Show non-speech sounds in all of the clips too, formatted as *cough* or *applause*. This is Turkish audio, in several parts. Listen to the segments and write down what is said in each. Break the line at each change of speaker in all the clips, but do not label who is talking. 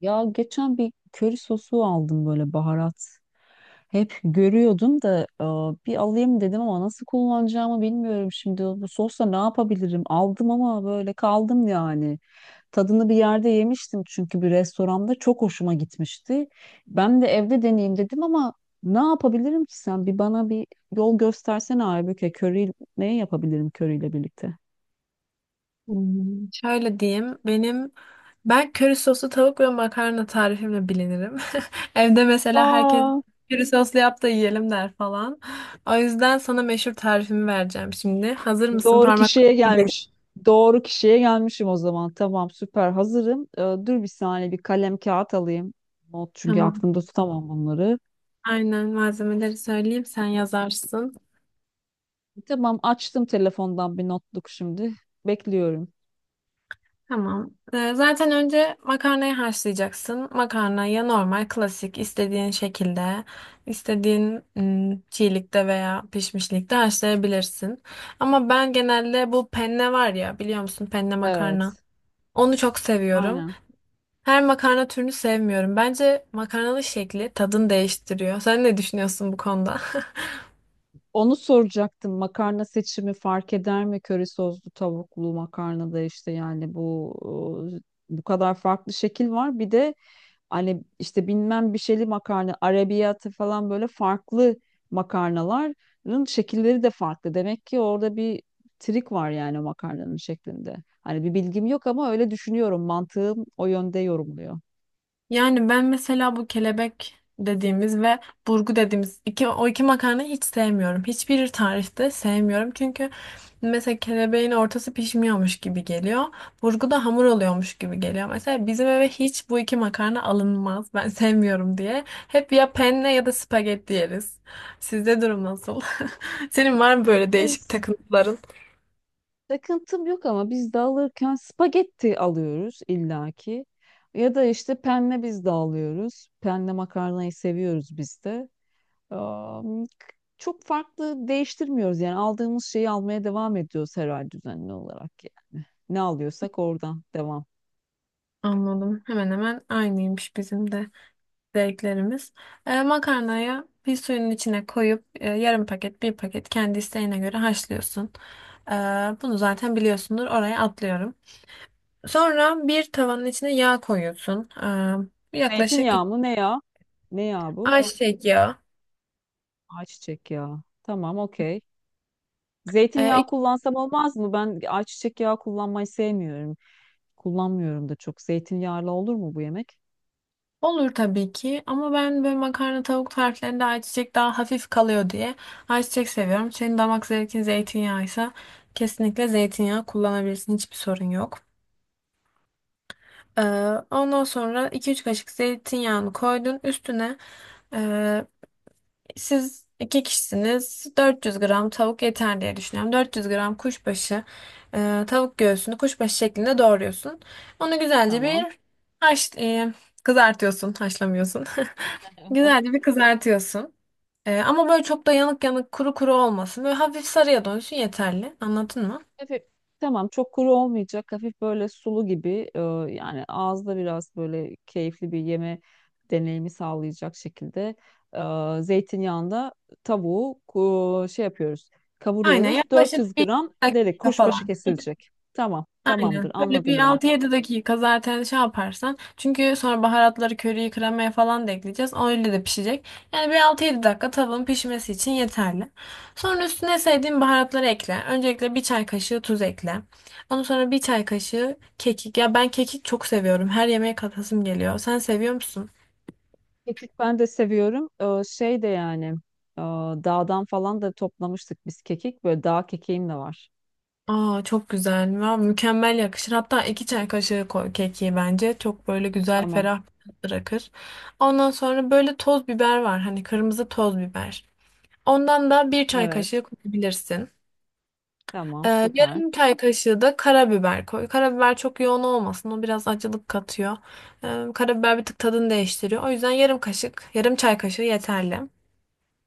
Ya geçen bir köri sosu aldım böyle baharat. Hep görüyordum da bir alayım dedim ama nasıl kullanacağımı bilmiyorum şimdi. Bu sosla ne yapabilirim? Aldım ama böyle kaldım yani. Tadını bir yerde yemiştim çünkü bir restoranda çok hoşuma gitmişti. Ben de evde deneyeyim dedim ama ne yapabilirim ki sen? Bir bana bir yol göstersene Aybüke. Köri ne yapabilirim köriyle birlikte?
Şöyle diyeyim. Ben köri soslu tavuk ve makarna tarifimle bilinirim. *laughs* Evde mesela herkes
Aa.
köri soslu yap da yiyelim der falan. O yüzden sana meşhur tarifimi vereceğim şimdi. Hazır mısın?
Doğru
Parmak
kişiye gelmiş. Doğru kişiye gelmişim o zaman. Tamam, süper. Hazırım. Dur bir saniye, bir kalem kağıt alayım. Not çünkü
Tamam.
aklımda tutamam bunları.
Aynen malzemeleri söyleyeyim sen yazarsın.
Tamam, açtım telefondan bir notluk şimdi. Bekliyorum.
Tamam. Zaten önce makarnayı haşlayacaksın. Makarna ya normal, klasik, istediğin şekilde, istediğin çiğlikte veya pişmişlikte haşlayabilirsin. Ama ben genelde bu penne var ya, biliyor musun penne makarna?
Evet.
Onu çok seviyorum.
Aynen.
Her makarna türünü sevmiyorum. Bence makarnalı şekli tadını değiştiriyor. Sen ne düşünüyorsun bu konuda? *laughs*
Onu soracaktım. Makarna seçimi fark eder mi? Köri soslu tavuklu makarnada işte yani bu kadar farklı şekil var. Bir de hani işte bilmem bir şeyli makarna, arabiyatı falan böyle farklı makarnaların şekilleri de farklı. Demek ki orada bir trik var yani makarnanın şeklinde. Hani bir bilgim yok ama öyle düşünüyorum. Mantığım o yönde yorumluyor.
Yani ben mesela bu kelebek dediğimiz ve burgu dediğimiz o iki makarnayı hiç sevmiyorum. Hiçbir tarifte sevmiyorum. Çünkü mesela kelebeğin ortası pişmiyormuş gibi geliyor. Burgu da hamur oluyormuş gibi geliyor. Mesela bizim eve hiç bu iki makarna alınmaz. Ben *laughs* sevmiyorum diye. Hep ya penne ya da spagetti yeriz. Sizde durum nasıl? *laughs* Senin var mı böyle değişik
Biz
takıntıların?
Takıntım yok ama biz de alırken spagetti alıyoruz illaki. Ya da işte penne biz de alıyoruz. Penne makarnayı seviyoruz biz de. Am, k- Çok farklı değiştirmiyoruz yani, aldığımız şeyi almaya devam ediyoruz herhalde düzenli olarak yani. Ne alıyorsak oradan devam.
Anladım. Hemen hemen aynıymış bizim de zevklerimiz. Makarnayı bir suyun içine koyup yarım paket bir paket kendi isteğine göre haşlıyorsun. E, Bunu zaten biliyorsundur, oraya atlıyorum. Sonra bir tavanın içine yağ koyuyorsun. Yaklaşık
Zeytinyağı
iki,
mı ne ya? Ne ya bu?
ayçiçek yağı.
Ayçiçek yağı. Tamam, okey.
E,
Zeytinyağı
iki-
kullansam olmaz mı? Ben ayçiçek yağı kullanmayı sevmiyorum. Kullanmıyorum da çok. Zeytinyağlı olur mu bu yemek?
olur tabii ki ama ben böyle makarna tavuk tariflerinde ayçiçek daha hafif kalıyor diye ayçiçek seviyorum. Senin damak zevkin zeytinyağıysa kesinlikle zeytinyağı kullanabilirsin, hiçbir sorun yok. Ee, Ondan sonra iki üç kaşık zeytinyağını koydun üstüne. Ee, Siz iki kişisiniz. 400 gram tavuk yeter diye düşünüyorum. 400 gram kuşbaşı, tavuk göğsünü kuşbaşı şeklinde doğruyorsun. Onu güzelce bir
Tamam.
haş, e, kızartıyorsun, haşlamıyorsun. *laughs* Güzelce
*laughs*
bir kızartıyorsun. Ama böyle çok da yanık yanık kuru kuru olmasın. Böyle hafif sarıya dönsün, yeterli. Anladın mı?
Hafif, tamam, çok kuru olmayacak. Hafif böyle sulu gibi, e, yani ağızda biraz böyle keyifli bir yeme deneyimi sağlayacak şekilde zeytinyağında tavuğu şey yapıyoruz.
Aynen,
Kavuruyoruz. 400
yaklaşık bir
gram deri
dakika
kuşbaşı
falan.
kesilecek. Tamam, tamamdır.
Aynen. Böyle bir
Anladım bunu.
altı yedi dakika zaten şey yaparsan. Çünkü sonra baharatları, köriyi, kremaya falan da ekleyeceğiz. O öyle de pişecek. Yani bir altı yedi dakika tavanın pişmesi için yeterli. Sonra üstüne sevdiğin baharatları ekle. Öncelikle bir çay kaşığı tuz ekle. Ondan sonra bir çay kaşığı kekik. Ya ben kekik çok seviyorum. Her yemeğe katasım geliyor. Sen seviyor musun?
Kekik ben de seviyorum. Şey de yani, e, dağdan falan da toplamıştık biz kekik. Böyle dağ kekiğim de var.
Aa, çok güzel. Ya, mükemmel yakışır. Hatta iki çay kaşığı koy kekiği bence. Çok böyle güzel
Tamam.
ferah bir tat bırakır. Ondan sonra böyle toz biber var. Hani kırmızı toz biber. Ondan da bir çay
Evet.
kaşığı koyabilirsin. Ee,
Tamam, süper.
Yarım çay kaşığı da karabiber koy. Karabiber çok yoğun olmasın. O biraz acılık katıyor. Karabiber bir tık tadını değiştiriyor. O yüzden yarım kaşık, yarım çay kaşığı yeterli.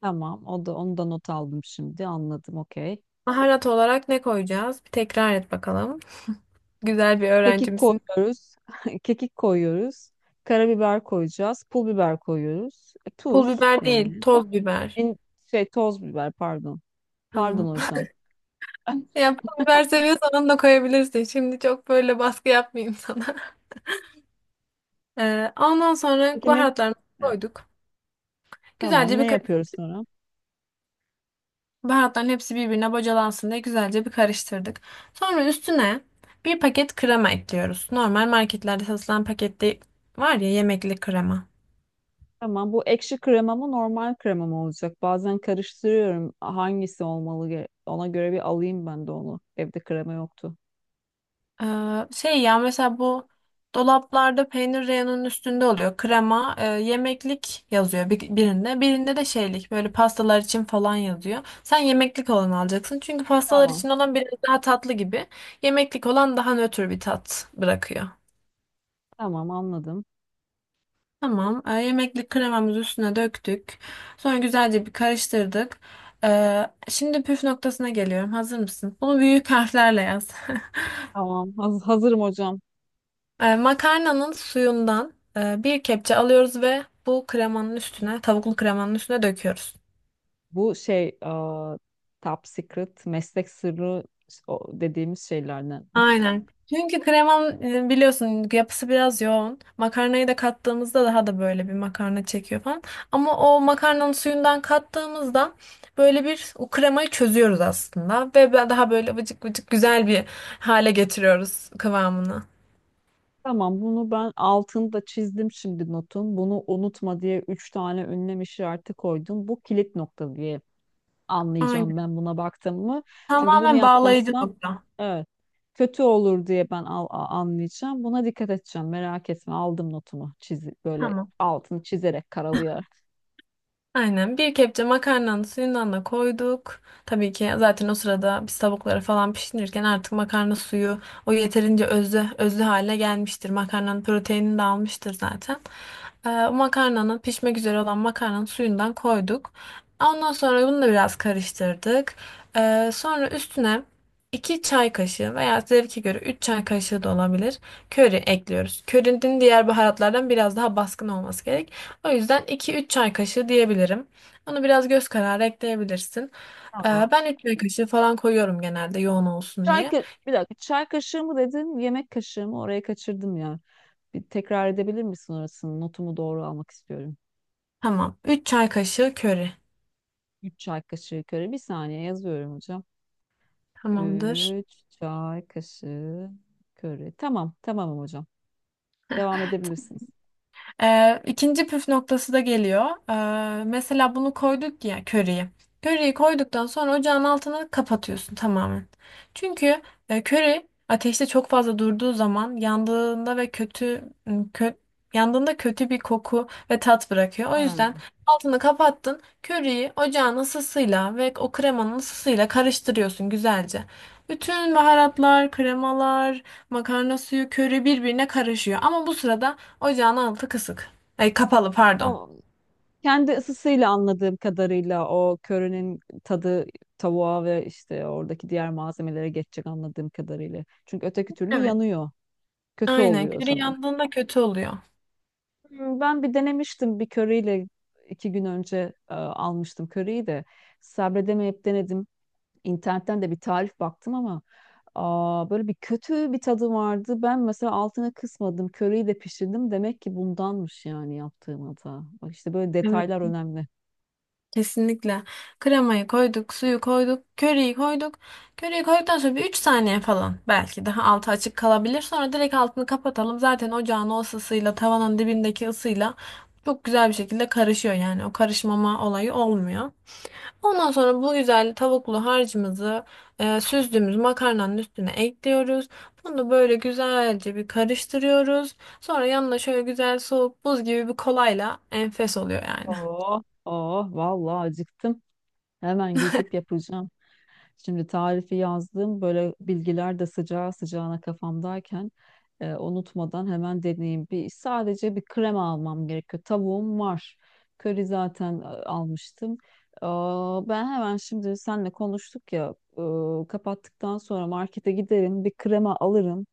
Tamam. O da onu da not aldım şimdi. Anladım. Okey.
Baharat olarak ne koyacağız? Bir tekrar et bakalım. Güzel bir
Kekik
öğrencimsin.
koyuyoruz. *laughs* Kekik koyuyoruz. Karabiber koyacağız. Pul biber koyuyoruz. E,
Pul
tuz
biber değil,
yani.
toz biber.
En şey toz biber, pardon.
Tamam.
Pardon
*laughs*
hocam. *laughs*
Ya biber seviyorsan onu da koyabilirsin. Şimdi çok böyle baskı yapmayayım sana. *laughs* Ondan sonra
Peki ne?
baharatlarını koyduk.
Tamam.
Güzelce
Ne
bir karış-
yapıyoruz sonra?
Baharatların hepsi birbirine bocalansın diye güzelce bir karıştırdık. Sonra üstüne bir paket krema ekliyoruz. Normal marketlerde satılan pakette var ya yemekli krema.
Tamam, bu ekşi krema mı normal krema mı olacak? Bazen karıştırıyorum hangisi olmalı, ona göre bir alayım ben de onu. Evde krema yoktu.
Şey ya, mesela bu dolaplarda peynir reyonunun üstünde oluyor. Krema, yemeklik yazıyor birinde. Birinde de şeylik böyle pastalar için falan yazıyor. Sen yemeklik olanı alacaksın. Çünkü pastalar
Tamam,
için olan biraz daha tatlı gibi. Yemeklik olan daha nötr bir tat bırakıyor.
tamam, anladım.
Tamam. Yemeklik kremamızı üstüne döktük. Sonra güzelce bir karıştırdık. Şimdi püf noktasına geliyorum. Hazır mısın? Bunu büyük harflerle yaz. *laughs*
Tamam, hazırım hocam.
Makarnanın suyundan bir kepçe alıyoruz ve bu kremanın üstüne, tavuklu kremanın üstüne döküyoruz.
Bu şey, aa, top secret, meslek sırrı o dediğimiz şeylerden. *laughs*
Aynen. Çünkü kremanın biliyorsun yapısı biraz yoğun. Makarnayı da kattığımızda daha da böyle bir makarna çekiyor falan. Ama o makarnanın suyundan kattığımızda böyle bir o kremayı çözüyoruz aslında. Daha böyle vıcık vıcık güzel bir hale getiriyoruz kıvamını.
Tamam, bunu ben altını da çizdim şimdi notun. Bunu unutma diye üç tane ünlem işareti koydum. Bu kilit nokta diye anlayacağım
Aynen.
ben buna baktım mı. Çünkü bunu
Tamamen bağlayıcı
yapmazsam,
nokta.
evet, kötü olur diye ben anlayacağım. Buna dikkat edeceğim. Merak etme, aldım notumu, çiz böyle,
Tamam.
altını çizerek, karalayarak.
Aynen, bir kepçe makarnanın suyundan da koyduk. Tabii ki zaten o sırada biz tavukları falan pişirirken artık makarna suyu o yeterince özlü, özlü hale gelmiştir. Makarnanın proteinini de almıştır zaten. O makarnanın, pişmek üzere olan makarnanın suyundan koyduk. Ondan sonra bunu da biraz karıştırdık. Sonra üstüne 2 çay kaşığı veya zevke göre 3 çay kaşığı da olabilir. Köri ekliyoruz. Körinin diğer baharatlardan biraz daha baskın olması gerekiyor. O yüzden iki üç çay kaşığı diyebilirim. Onu biraz göz kararı ekleyebilirsin.
Tamam.
Ben 3 çay kaşığı falan koyuyorum genelde yoğun olsun diye.
Bir dakika, çay kaşığı mı dedin yemek kaşığı mı, oraya kaçırdım ya. Bir tekrar edebilir misin orasını, notumu doğru almak istiyorum.
Tamam. Üç çay kaşığı köri.
3 çay kaşığı köri. Bir saniye, yazıyorum hocam.
Tamamdır.
3 çay kaşığı köri. Tamam, tamam hocam. Devam edebilirsiniz.
İkinci püf noktası da geliyor. Mesela bunu koyduk ya, köriyi. Köriyi koyduktan sonra ocağın altını kapatıyorsun tamamen. Çünkü köri ateşte çok fazla durduğu zaman yandığında ve yandığında kötü bir koku ve tat bırakıyor. O
Ha.
yüzden altını kapattın. Köriyi ocağın ısısıyla ve o kremanın ısısıyla karıştırıyorsun güzelce. Bütün baharatlar, kremalar, makarna suyu, köri birbirine karışıyor. Ama bu sırada ocağın altı kısık. Ay, kapalı, pardon.
O kendi ısısıyla, anladığım kadarıyla o körünün tadı tavuğa ve işte oradaki diğer malzemelere geçecek anladığım kadarıyla. Çünkü öteki türlü
Evet.
yanıyor. Kötü
Aynen.
oluyor o
Köri
zaman.
yandığında kötü oluyor.
Ben bir denemiştim, bir köriyle 2 gün önce almıştım köriyi de, sabredemeyip denedim. İnternetten de bir tarif baktım ama böyle bir kötü bir tadı vardı. Ben mesela altına kısmadım. Köriyi de pişirdim. Demek ki bundanmış yani yaptığım hata. Bak işte böyle
Evet.
detaylar önemli.
Kesinlikle. Kremayı koyduk, suyu koyduk, köriyi koyduk. Köriyi koyduktan sonra bir 3 saniye falan belki daha altı açık kalabilir. Sonra direkt altını kapatalım. Zaten ocağın o ısısıyla, tavanın dibindeki ısıyla çok güzel bir şekilde karışıyor yani. O karışmama olayı olmuyor. Ondan sonra bu güzel tavuklu harcımızı süzdüğümüz makarnanın üstüne ekliyoruz. Bunu böyle güzelce bir karıştırıyoruz. Sonra yanına şöyle güzel soğuk buz gibi bir kolayla enfes oluyor yani.
Oh, oh, vallahi acıktım. Hemen gidip yapacağım. Şimdi tarifi yazdım. Böyle bilgiler de sıcağı sıcağına kafamdayken unutmadan hemen deneyeyim. Sadece bir krema almam gerekiyor. Tavuğum var. Köri zaten almıştım. Aa, ben hemen şimdi senle konuştuk ya, kapattıktan sonra markete giderim. Bir krema alırım.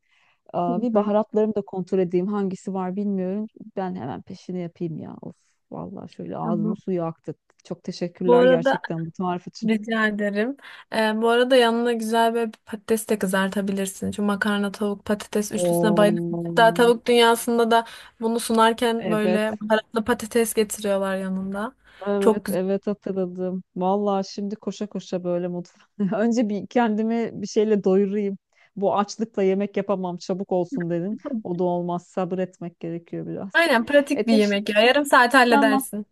Hı
Aa, bir
hı,
baharatlarımı da kontrol edeyim. Hangisi var bilmiyorum. Ben hemen peşini yapayım ya. Of, vallahi şöyle ağzımın
tamam.
suyu aktı. Çok
Bu
teşekkürler
arada
gerçekten bu tarif için.
rica ederim. Bu arada yanına güzel bir patates de kızartabilirsin. Şu makarna, tavuk, patates üçlüsüne bayılıyorum.
Oo,
Hatta tavuk dünyasında da bunu sunarken böyle
evet,
baharatlı patates getiriyorlar yanında. Çok
evet,
güzel.
evet, hatırladım. Vallahi şimdi koşa koşa böyle mutfağa. *laughs* Önce bir kendimi bir şeyle doyurayım. Bu açlıkla yemek yapamam, çabuk olsun dedim. O da olmaz. Sabretmek gerekiyor biraz.
Aynen,
E,
pratik bir
teş-
yemek ya. Yarım saat
tamam.
halledersin.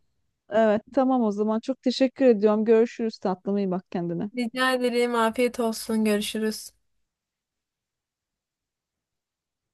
Evet, tamam o zaman. Çok teşekkür ediyorum. Görüşürüz tatlım. İyi bak kendine.
Rica ederim. Afiyet olsun. Görüşürüz.